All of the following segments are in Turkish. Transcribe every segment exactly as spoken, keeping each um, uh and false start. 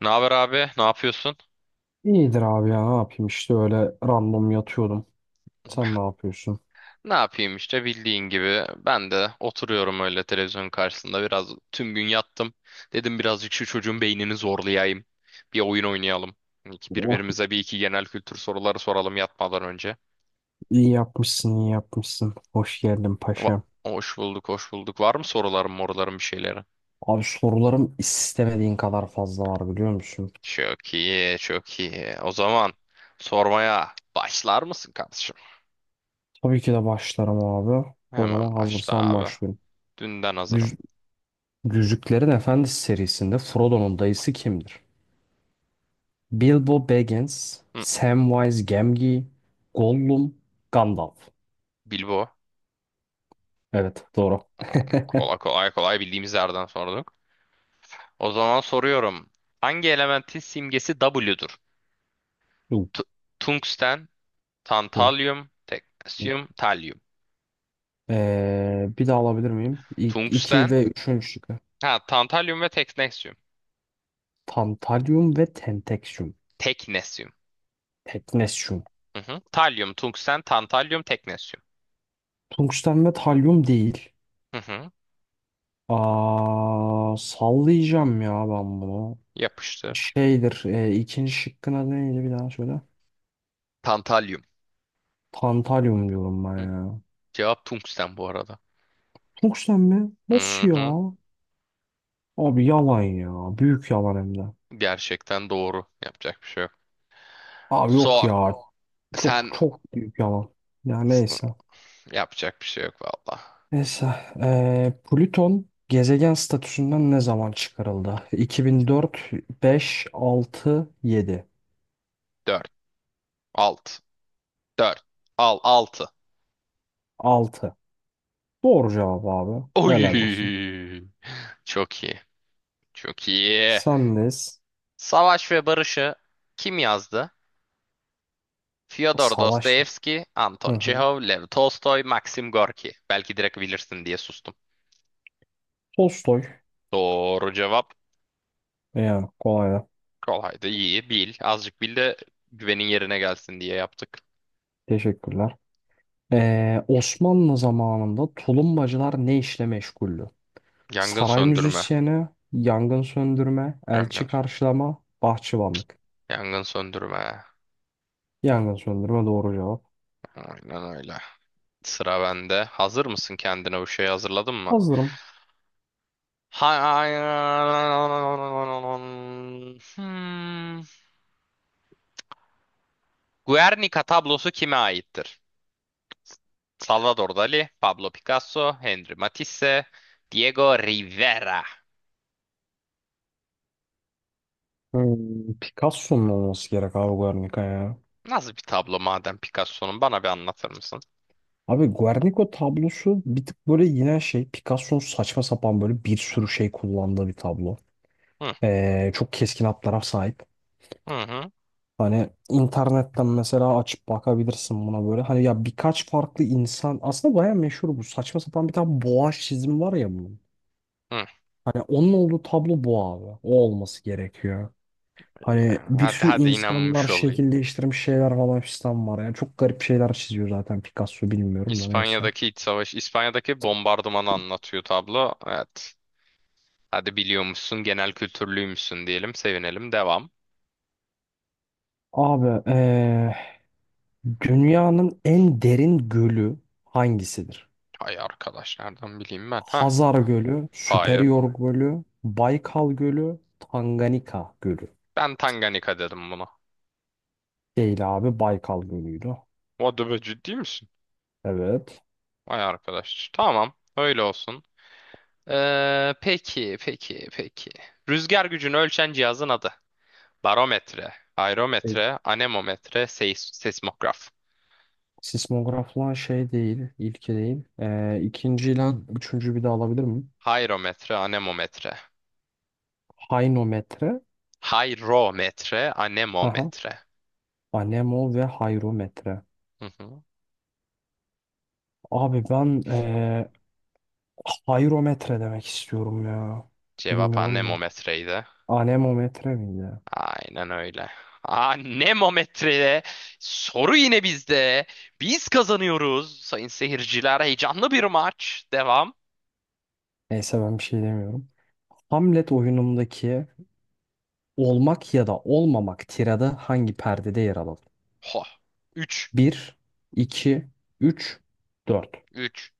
Ne haber abi? Ne yapıyorsun? İyidir abi ya ne yapayım işte öyle random yatıyordum. Sen ne yapıyorsun? Ne yapayım işte bildiğin gibi. Ben de oturuyorum öyle televizyonun karşısında biraz tüm gün yattım. Dedim birazcık şu çocuğun beynini zorlayayım. Bir oyun oynayalım. İki- Oh, Birbirimize bir iki genel kültür soruları soralım yatmadan önce. iyi yapmışsın iyi yapmışsın. Hoş geldin paşam. Va- Hoş bulduk, hoş bulduk. Var mı soruların, moruların bir şeyleri? Abi sorularım istemediğin kadar fazla var biliyor musun? Çok iyi, çok iyi. O zaman sormaya başlar mısın kardeşim? Tabii ki de başlarım abi. O Hemen zaman başla hazırsan abi. başlıyorum. Dünden hazırım. Yüz- Yüzüklerin Efendisi serisinde Frodo'nun dayısı kimdir? Bilbo Baggins, Hı, Samwise Gamgee, Gollum, Gandalf. Bilbo. Evet doğru. Kolay kolay kolay bildiğimiz yerden sorduk. O zaman soruyorum. Hangi elementin simgesi W'dur? Tu- tungsten, Okey. tantalyum, teknesyum, talyum. Ee, bir daha alabilir miyim? İlk, iki Tungsten, ve üçüncü şıkkı. ha tantalyum ve teknesyum. Tantalyum ve tenteksyum. Teknesyum. Teknesyum. Hı hı. Talyum, tungsten, tantalyum, teknesyum. Tungsten ve talyum değil. Hı hı. Aa, sallayacağım ya ben bunu. Yapıştı. Şeydir. E, ikinci şıkkın adı neydi bir daha söyle. Tantalyum. Tantalyum diyorum ben Hı. ya. Cevap tungsten bu arada. Tungsten mi? Nasıl Hı hı. ya? Abi yalan ya. Büyük yalan hem de. Gerçekten doğru. Yapacak bir şey yok. Abi yok Sor. ya. Çok Sen çok büyük yalan. Ya neyse. yapacak bir şey yok valla. Neyse. eee, Plüton gezegen statüsünden ne zaman çıkarıldı? iki bin dört, beş, altı, yedi. Dört altı. Dört. Al altı. altı. Doğru cevap abi. Helal olsun. Oy. Çok iyi. Çok iyi. Sendeyiz. Savaş ve Barış'ı kim yazdı? Fyodor Savaş mı? Dostoyevski, Hı Anton hı. Çehov, Lev Tolstoy, Maxim Gorki. Belki direkt bilirsin diye sustum. Tolstoy. Doğru cevap. Yani kolay da. Kolaydı. İyi bil. Azıcık bil de güvenin yerine gelsin diye yaptık. Teşekkürler. Eee, Osmanlı zamanında tulumbacılar ne işle meşguldü? Yangın Saray söndürme. müzisyeni, yangın söndürme, elçi Yangın. karşılama, bahçıvanlık. Yangın söndürme. Yangın söndürme doğru cevap. Aynen öyle. Sıra bende. Hazır mısın kendine bu şeyi hazırladın mı? Hazırım. Hayır. Hmm. Guernica tablosu kime aittir? Salvador Dali, Pablo Picasso, Henri Matisse, Diego Rivera. Hmm, Picasso'nun olması gerek abi Guernica ya. Nasıl bir tablo madem Picasso'nun bana bir anlatır mısın? Abi Guernica tablosu bir tık böyle yine şey Picasso'nun saçma sapan böyle bir sürü şey kullandığı bir tablo. Hı Ee, çok keskin hatlara sahip. hı hı. Hani internetten mesela açıp bakabilirsin buna böyle. Hani ya birkaç farklı insan aslında baya meşhur bu. Saçma sapan bir tane boğa çizimi var ya bunun. hı. Hani onun olduğu tablo bu abi. O olması gerekiyor. Hani Ya, bir hadi sürü hadi insanlar inanmış olayım. şekil değiştirmiş şeyler falan fistan var. Yani çok garip şeyler çiziyor zaten Picasso bilmiyorum da neyse. İspanya'daki iç savaş, İspanya'daki bombardımanı anlatıyor tablo. Evet. Hadi biliyormuşsun, genel kültürlüymüşsün diyelim, sevinelim. Devam. Abi eee, dünyanın en derin gölü hangisidir? Ay arkadaş nereden bileyim ben? Ha. Hazar Gölü, Hayır. Süperior Gölü, Baykal Gölü, Tanganyika Gölü. Ben Tanganyika dedim buna. Değil abi Baykal Gölü'ydü. What the- ciddi misin? Evet. Vay arkadaş. Tamam. Öyle olsun. Ee, peki, peki, peki. Rüzgar gücünü ölçen cihazın adı. Barometre, E, aerometre, anemometre, seis seismograf. Sismograf lan şey değil, ilki değil. Ee, ikinci ile üçüncü bir de alabilir miyim? Hayrometre, anemometre. Hainometre, Hayrometre, haha, anemometre. anemo ve hayrometre. Hı hı. Abi ben ee, hayrometre demek istiyorum ya. Cevap Bilmiyorum da. anemometreydi. Anemometre miydi? Aynen öyle. Aa, Nemometre'de soru yine bizde. Biz kazanıyoruz sayın seyirciler. Heyecanlı bir maç. Devam. Neyse ben bir şey demiyorum. Hamlet oyunumdaki olmak ya da olmamak tirada hangi perdede yer alalım? Ho. üç. Bir, iki, üç, dört. üç.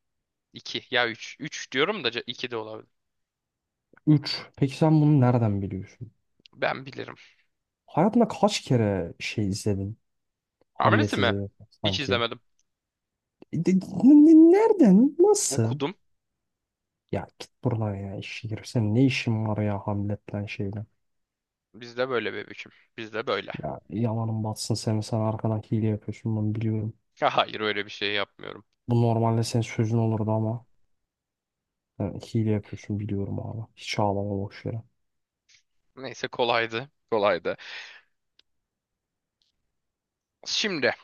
iki. Ya üç. üç diyorum da iki de olabilir. Üç. Peki sen bunu nereden biliyorsun? Ben bilirim. Hayatında kaç kere şey izledin? Hamlesi Hamlet mi? izledin Hiç sanki. izlemedim. E, de- ne- Nereden? Nasıl? Okudum. Ya git buradan ya işe girip senin ne işin var ya Hamlet'ten şeyle. Bizde böyle bebişim. Bizde böyle. Ya yalanın batsın senin sen arkadan hile yapıyorsun bunu biliyorum. Ya hayır öyle bir şey yapmıyorum. Bu normalde senin sözün olurdu ama sen hile yapıyorsun biliyorum abi. Hiç ağlama boş yere. Neyse kolaydı. Kolaydı. Şimdi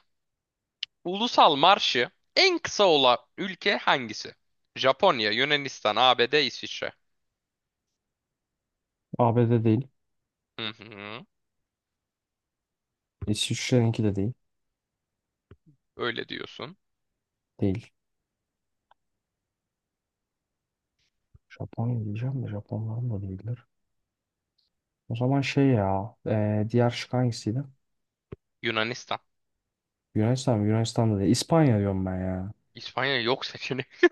ulusal marşı en kısa olan ülke hangisi? Japonya, Yunanistan, A B D, İsviçre. A B D değil. Hı hı. İsviçre'ninki de değil. Öyle diyorsun. Değil. Japonya diyeceğim de Japonların da değildir. O zaman şey ya e, diğer şık hangisiydi? Yunanistan. Yunanistan mı? Yunanistan'da değil. İspanya diyorum ben ya. İspanya yok seçenekte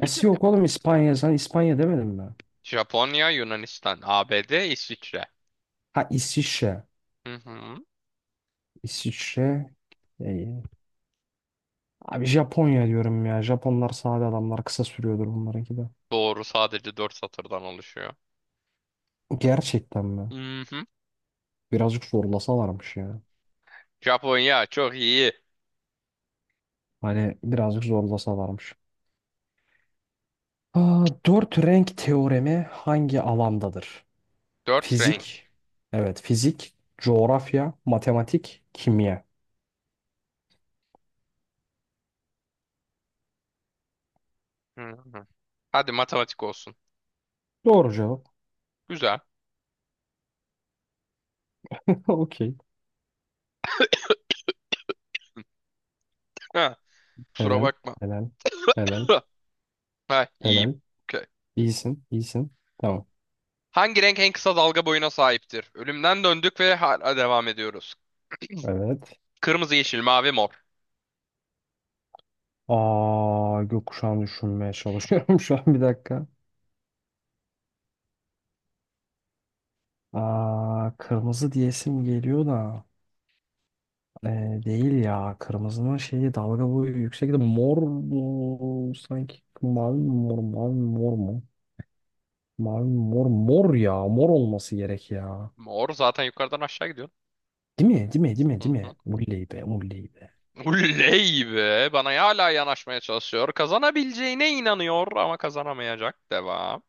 bile. yok oğlum İspanya? Sen İspanya demedin mi? Japonya, Yunanistan, A B D, İsviçre. Ha İsviçre. Hı hı. İsviçre. İyi. Abi Japonya diyorum ya. Japonlar sade adamlar. Kısa sürüyordur bunlarınki de. Doğru sadece dört satırdan oluşuyor. Gerçekten mi? Hı hı. Birazcık zorlasalarmış ya. Japonya çok iyi. Hani birazcık zorlasalarmış. Aa, dört renk teoremi hangi alandadır? Dört renk. Fizik. Evet fizik. Coğrafya. Matematik. Kimya. Hı hı. Hadi matematik olsun. Doğru cevap. Güzel. Okey. Ha, kusura Helal. bakma. Helal. Helal. Ha, iyiyim. Helal. Okey. İyisin, iyisin. Tamam. Hangi renk en kısa dalga boyuna sahiptir? Ölümden döndük ve hala devam ediyoruz. Evet. Kırmızı, yeşil, mavi, mor. Aa, gökkuşağını düşünmeye çalışıyorum şu an bir dakika. Aa, kırmızı diyesim geliyor da. Ee, değil ya. Kırmızının şeyi dalga boyu yüksek de mor mu? Sanki mavi mi mor, mavi mi mor mu? Mavi mi mor, mor ya. Mor olması gerek ya. Mor zaten yukarıdan aşağı gidiyor. Değil mi? Değil mi? Değil mi? Hı Değil hı. mi? Mulley be, mulley be. Uley be. Bana hala yanaşmaya çalışıyor. Kazanabileceğine inanıyor ama kazanamayacak. Devam.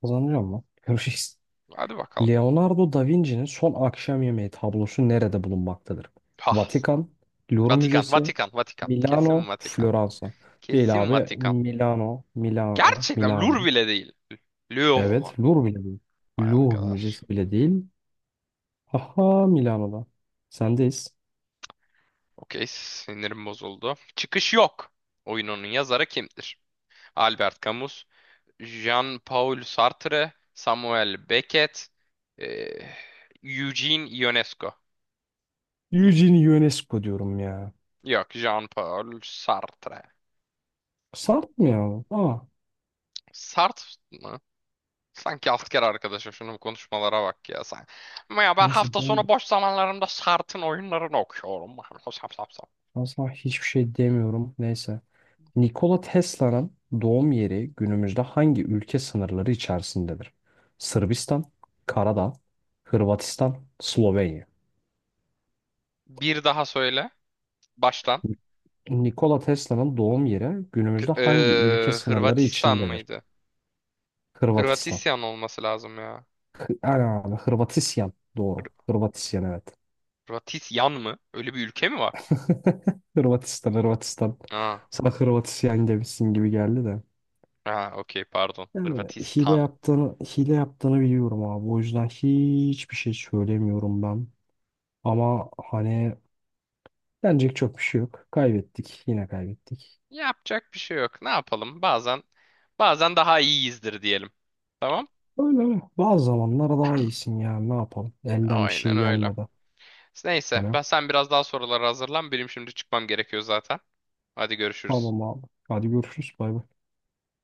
Kazanacağım mı? Görüşürüz. Hadi bakalım. Leonardo da Vinci'nin Son Akşam Yemeği tablosu nerede bulunmaktadır? Ah. Vatikan, Louvre Vatikan, Müzesi, Vatikan, Vatikan. Kesin Milano, Vatikan. Floransa. Değil Kesin abi. Vatikan. Milano, Milano, Gerçekten Milano. Lur bile değil. Louvre. Evet, Louvre bile değil. Vay Louvre arkadaş. Müzesi bile değil. Aha Milano'da. Sendeyiz. Okey, sinirim bozuldu. Çıkış yok. Oyununun yazarı kimdir? Albert Camus, Jean-Paul Sartre, Samuel Beckett, eh, Eugene Ionesco. Eugene UNESCO diyorum ya. Yok, Jean-Paul Sartre. Sarp mı ya? Aa, Sart mı? Sanki alt kere arkadaşım şunun konuşmalara bak ya sen. Ama ya ben neyse hafta sonu ben boş zamanlarımda Sart'ın oyunlarını okuyorum. Sap, sap, sap. asla hiçbir şey demiyorum. Neyse. Nikola Tesla'nın doğum yeri günümüzde hangi ülke sınırları içerisindedir? Sırbistan, Karadağ, Hırvatistan, Slovenya. Bir daha söyle baştan. Nikola Tesla'nın doğum yeri K- günümüzde hangi ülke eee, sınırları Hırvatistan içindedir? mıydı? Hırvatistan. Hırvatisyan olması lazım ya. Hı- Ana, Hırvatisyan. Hır- Doğru. Hırvatisyan evet. Hırvatisyan mı? Öyle bir ülke mi var? Hırvatistan, Hırvatistan. Aa, Sana Hırvatisyan demişsin gibi geldi de. ha, okey pardon. Yani hile Hırvatistan. yaptığını hile yaptığını biliyorum abi. O yüzden hiçbir şey söylemiyorum ben. Ama hani denecek çok bir şey yok. Kaybettik. Yine kaybettik. Yapacak bir şey yok. Ne yapalım? Bazen bazen daha iyiyizdir diyelim. Tamam? Öyle öyle. Bazı zamanlar daha iyisin yani. Ne yapalım? Elden bir Aynen şey öyle. gelmeden. Neyse Hani ben sen biraz daha sorulara hazırlan. Benim şimdi çıkmam gerekiyor zaten. Hadi görüşürüz. tamam abi. Hadi görüşürüz. Bay bay.